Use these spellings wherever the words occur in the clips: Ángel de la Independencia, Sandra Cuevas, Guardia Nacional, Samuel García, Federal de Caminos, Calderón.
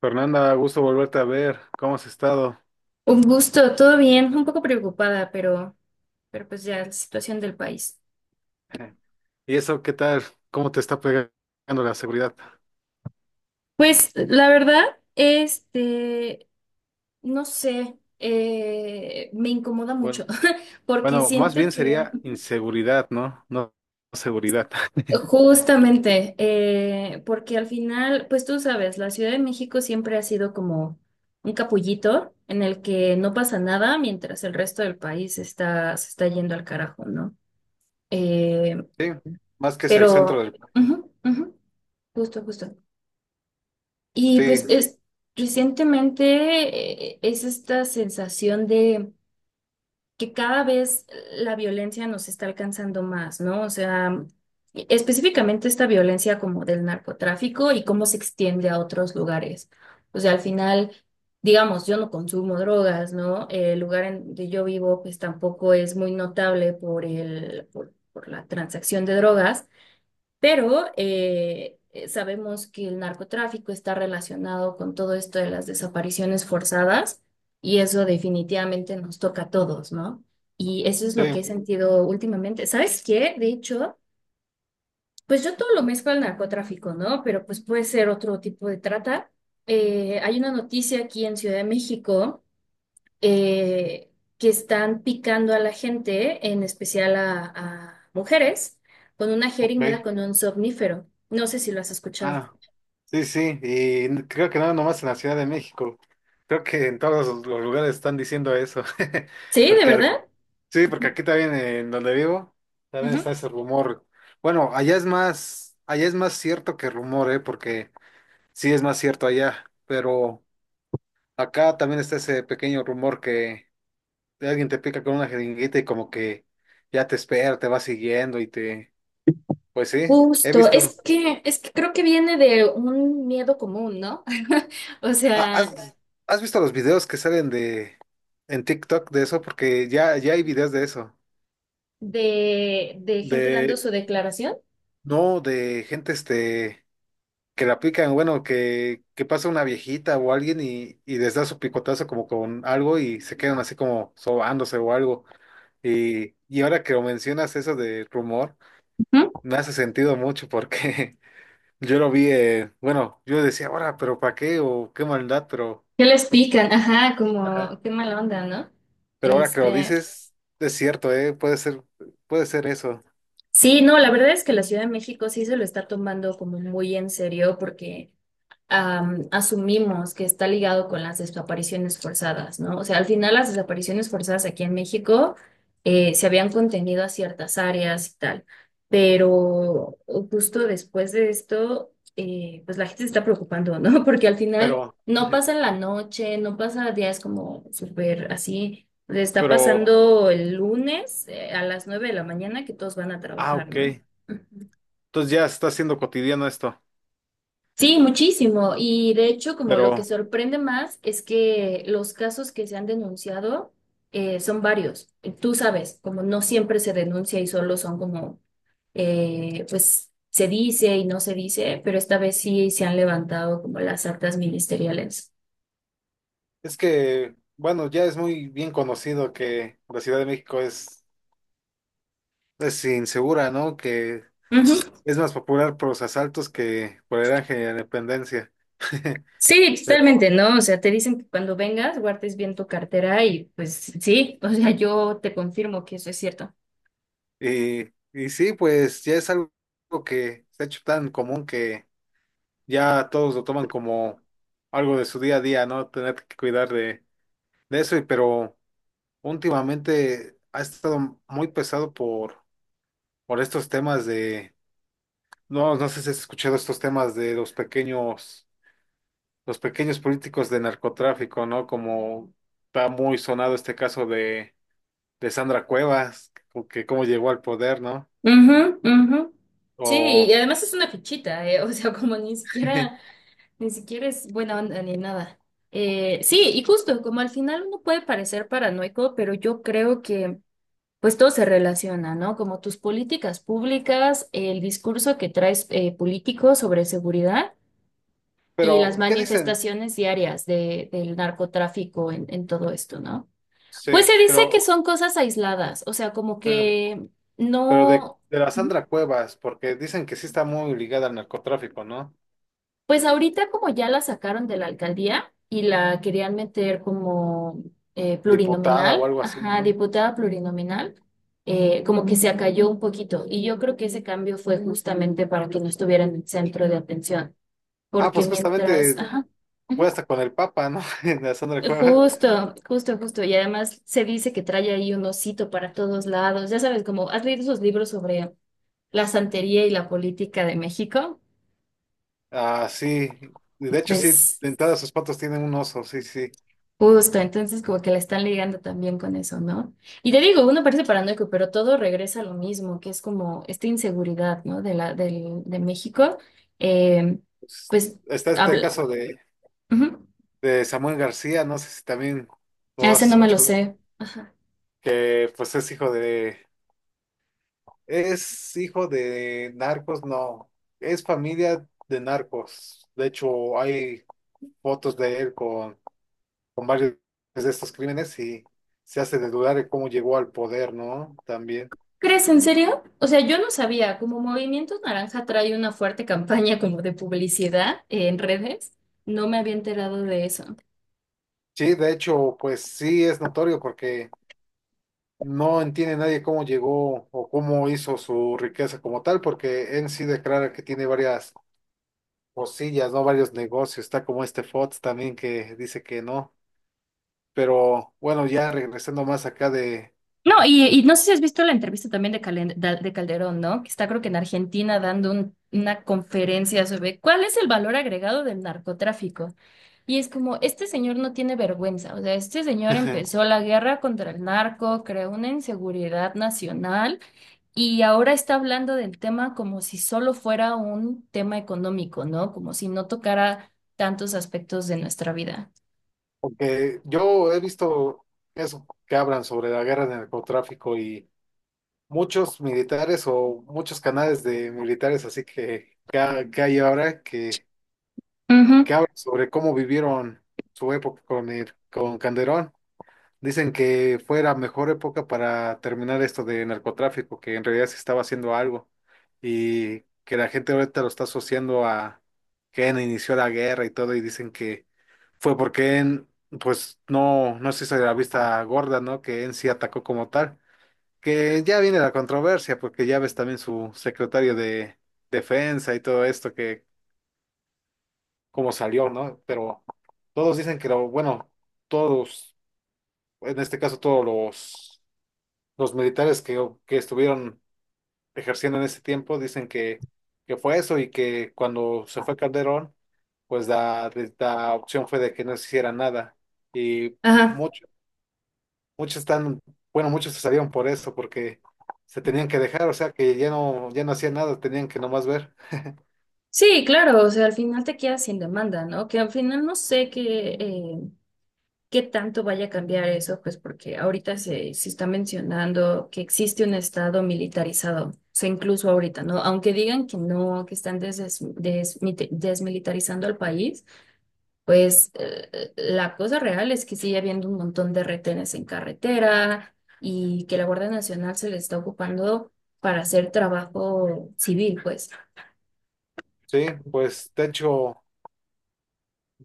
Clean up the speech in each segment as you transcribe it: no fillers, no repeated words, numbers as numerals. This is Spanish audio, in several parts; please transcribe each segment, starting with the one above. Fernanda, gusto volverte a ver. ¿Cómo has estado? Un gusto, todo bien, un poco preocupada, pero pues ya la situación del país. ¿Y eso qué tal? ¿Cómo te está pegando la seguridad? Pues la verdad, este, no sé, me incomoda mucho, Bueno, porque bueno, más siento bien que sería inseguridad, ¿no? No seguridad. justamente, porque al final, pues tú sabes, la Ciudad de México siempre ha sido como un capullito en el que no pasa nada mientras el resto del país está, se está yendo al carajo, ¿no? Eh, Sí, más que es el centro pero, del... ujú, ujú, justo, justo. Y Sí, recientemente es esta sensación de que cada vez la violencia nos está alcanzando más, ¿no? O sea, específicamente esta violencia como del narcotráfico y cómo se extiende a otros lugares. O sea, al final, digamos, yo no consumo drogas, ¿no? El lugar en donde yo vivo pues tampoco es muy notable por por la transacción de drogas. Pero sabemos que el narcotráfico está relacionado con todo esto de las desapariciones forzadas y eso definitivamente nos toca a todos, ¿no? Y eso es sí, lo que he sentido últimamente. ¿Sabes qué? De hecho, pues yo todo lo mezclo al narcotráfico, ¿no? Pero pues puede ser otro tipo de trata. Hay una noticia aquí en Ciudad de México eh, que están picando a la gente, en especial a mujeres, con una ok. jeringa, con un somnífero. No sé si lo has escuchado. Ah, sí, sí, y creo que no nomás en la Ciudad de México. Creo que en todos los lugares están diciendo eso, ¿Sí? ¿De porque verdad? sí, porque Ujú, aquí también en donde vivo, también ujú. está ese rumor. Bueno, allá es más cierto que rumor, ¿eh? Porque sí es más cierto allá, pero acá también está ese pequeño rumor que alguien te pica con una jeringuita y como que ya te espera, te va siguiendo y te... Pues sí, he Justo, visto. Es que creo que viene de un miedo común, ¿no? O Ah, sea, ¿has visto los videos que salen de en TikTok de eso? Porque ya hay videos de eso. De gente dando De, su declaración. no, de gente que la aplican, bueno, que pasa una viejita o alguien y les da su picotazo como con algo y se quedan así como sobándose o algo. Y ahora que lo mencionas eso de rumor, Ujú. me hace sentido mucho porque yo lo vi, bueno, yo decía, ahora, pero ¿para qué? O qué maldad, pero ¿Qué les pican? Ajá, ajá. como, qué mala onda, ¿no? Pero ahora que lo Este, dices, es cierto, puede ser eso. sí, no, la verdad es que la Ciudad de México sí se lo está tomando como muy en serio porque asumimos que está ligado con las desapariciones forzadas, ¿no? O sea, al final las desapariciones forzadas aquí en México se habían contenido a ciertas áreas y tal, pero justo después de esto, pues la gente se está preocupando, ¿no? Porque al final Pero no pasa en la noche, no pasa días como súper así. Le está pero, pasando el lunes a las 9 de la mañana que todos van a ah, trabajar, ¿no? ok. Entonces ya está siendo cotidiano esto, Sí, muchísimo. Y de hecho, como lo que pero. sorprende más es que los casos que se han denunciado son varios. Tú sabes, como no siempre se denuncia y solo son como, pues se dice y no se dice, pero esta vez sí se han levantado como las actas ministeriales. Es que, bueno, ya es muy bien conocido que la Ciudad de México es insegura, ¿no? Que Ujú. es más popular por los asaltos que por el Ángel de la Independencia. Sí, totalmente, Pero, ¿no? O sea, te dicen que cuando vengas guardes bien tu cartera y pues sí, o sea, yo te confirmo que eso es cierto. Y sí, pues ya es algo que se ha hecho tan común que ya todos lo toman como algo de su día a día, ¿no? Tener que cuidar de eso, y pero últimamente ha estado muy pesado por estos temas de no, no sé si has escuchado estos temas de los pequeños políticos de narcotráfico, ¿no? Como está muy sonado este caso de Sandra Cuevas, que cómo llegó al poder, ¿no? Ujú, ujú. Sí, O y además es una fichita, o sea, como ni siquiera, ni siquiera es buena onda ni nada. Sí, y justo, como al final uno puede parecer paranoico, pero yo creo que pues todo se relaciona, ¿no? Como tus políticas públicas, el discurso que traes político sobre seguridad y las pero, ¿qué dicen? manifestaciones diarias del narcotráfico en todo esto, ¿no? Pues Sí, se dice que son cosas aisladas, o sea, como que pero no. de la Sandra Cuevas, porque dicen que sí está muy ligada al narcotráfico, ¿no? Pues ahorita como ya la sacaron de la alcaldía y la querían meter como Diputada o plurinominal, algo así, ajá, ¿no? diputada plurinominal, como que se acalló un poquito. Y yo creo que ese cambio fue justamente para que no estuviera en el centro de atención, Ah, porque pues mientras, justamente ajá, fue ujú, hasta con el Papa, ¿no? La Sandra Cuevas. justo, justo, justo. Y además se dice que trae ahí un osito para todos lados. Ya sabes, como has leído esos libros sobre la santería y la política de México, Ah, sí. Y de hecho, sí, pues... dentadas sus patas tienen un oso, sí, sí. Justo, entonces como que la están ligando también con eso, ¿no? Y te digo, uno parece paranoico, pero todo regresa a lo mismo, que es como esta inseguridad, ¿no? De de México. Eh, Pues pues está este habla. caso Ujú. de Samuel García, no sé si también A lo ese has no me lo escuchado, sé. Ajá. que pues es hijo de narcos, no, es familia de narcos. De hecho, hay fotos de él con varios de estos crímenes y se hace de dudar de cómo llegó al poder, ¿no? También. ¿Crees en serio? O sea, yo no sabía, como Movimiento Naranja trae una fuerte campaña como de publicidad en redes, no me había enterado de eso. Sí, de hecho, pues sí es notorio porque no entiende nadie cómo llegó o cómo hizo su riqueza como tal, porque en sí declara que tiene varias cosillas, ¿no? Varios negocios. Está como este Fox también que dice que no. Pero bueno, ya regresando más acá de... No, y no sé si has visto la entrevista también de Calderón, ¿no? Que está creo que en Argentina dando una conferencia sobre cuál es el valor agregado del narcotráfico. Y es como, este señor no tiene vergüenza, o sea, este señor empezó la guerra contra el narco, creó una inseguridad nacional y ahora está hablando del tema como si solo fuera un tema económico, ¿no? Como si no tocara tantos aspectos de nuestra vida. Porque yo he visto eso que hablan sobre la guerra del narcotráfico y muchos militares o muchos canales de militares así que, que hay ahora Ujú. que hablan sobre cómo vivieron su época con el, con Calderón. Dicen que fue la mejor época para terminar esto de narcotráfico, que en realidad se estaba haciendo algo y que la gente ahorita lo está asociando a que inició la guerra y todo y dicen que fue porque en, pues no, no se hizo de la vista gorda, ¿no? Que en sí atacó como tal. Que ya viene la controversia porque ya ves también su secretario de defensa y todo esto que cómo salió, ¿no? Pero todos dicen que lo, bueno, todos, en este caso todos los militares que estuvieron ejerciendo en ese tiempo dicen que fue eso y que cuando se fue Calderón, pues la opción fue de que no se hiciera nada. Y Ajá. muchos, muchos están, bueno, muchos se salieron por eso, porque se tenían que dejar, o sea que ya no, ya no hacían nada, tenían que nomás ver. Sí, claro, o sea, al final te quedas sin demanda, ¿no? Que al final no sé qué, qué tanto vaya a cambiar eso, pues porque ahorita se está mencionando que existe un estado militarizado, o sea, incluso ahorita, ¿no? Aunque digan que no, que están desmilitarizando al país, pues la cosa real es que sigue habiendo un montón de retenes en carretera y que la Guardia Nacional se le está ocupando para hacer trabajo civil, pues. Sí, pues de hecho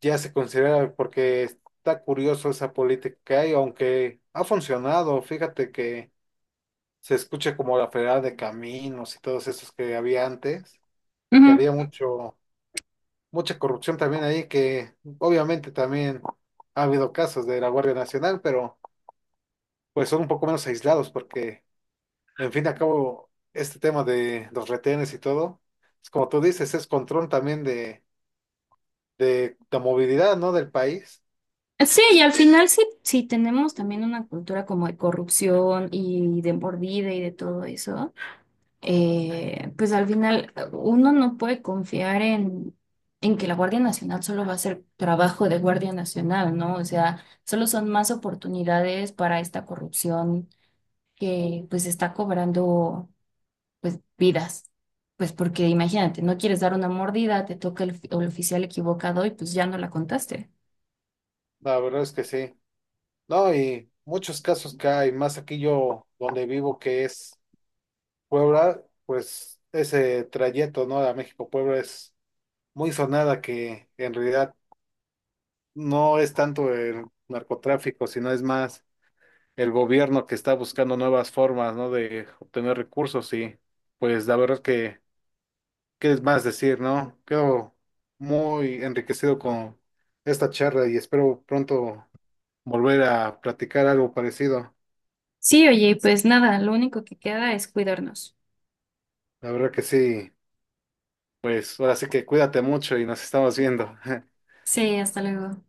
ya se considera porque está curioso esa política que hay, aunque ha funcionado, fíjate que se escuche como la Federal de Caminos y todos esos que había antes, que había mucha corrupción también ahí, que obviamente también ha habido casos de la Guardia Nacional, pero pues son un poco menos aislados porque, en fin y al cabo, este tema de los retenes y todo, es como tú dices, es control también de la movilidad, ¿no? Del país. Sí, y al final sí, sí tenemos también una cultura como de corrupción y de mordida y de todo eso, pues al final uno no puede confiar en que la Guardia Nacional solo va a hacer trabajo de Guardia Nacional, ¿no? O sea, solo son más oportunidades para esta corrupción que pues está cobrando pues vidas. Pues porque imagínate, no quieres dar una mordida, te toca el oficial equivocado y pues ya no la contaste. La verdad es que sí. No, y muchos casos que hay, más aquí yo donde vivo, que es Puebla, pues ese trayecto, ¿no? A México-Puebla es muy sonada que en realidad no es tanto el narcotráfico, sino es más el gobierno que está buscando nuevas formas, ¿no? De obtener recursos y pues la verdad que, ¿qué es más decir, ¿no? Quedo muy enriquecido con esta charla y espero pronto volver a platicar algo parecido. Sí, oye, pues nada, lo único que queda es cuidarnos. La verdad que sí, pues ahora sí que cuídate mucho y nos estamos viendo. Sí, hasta luego.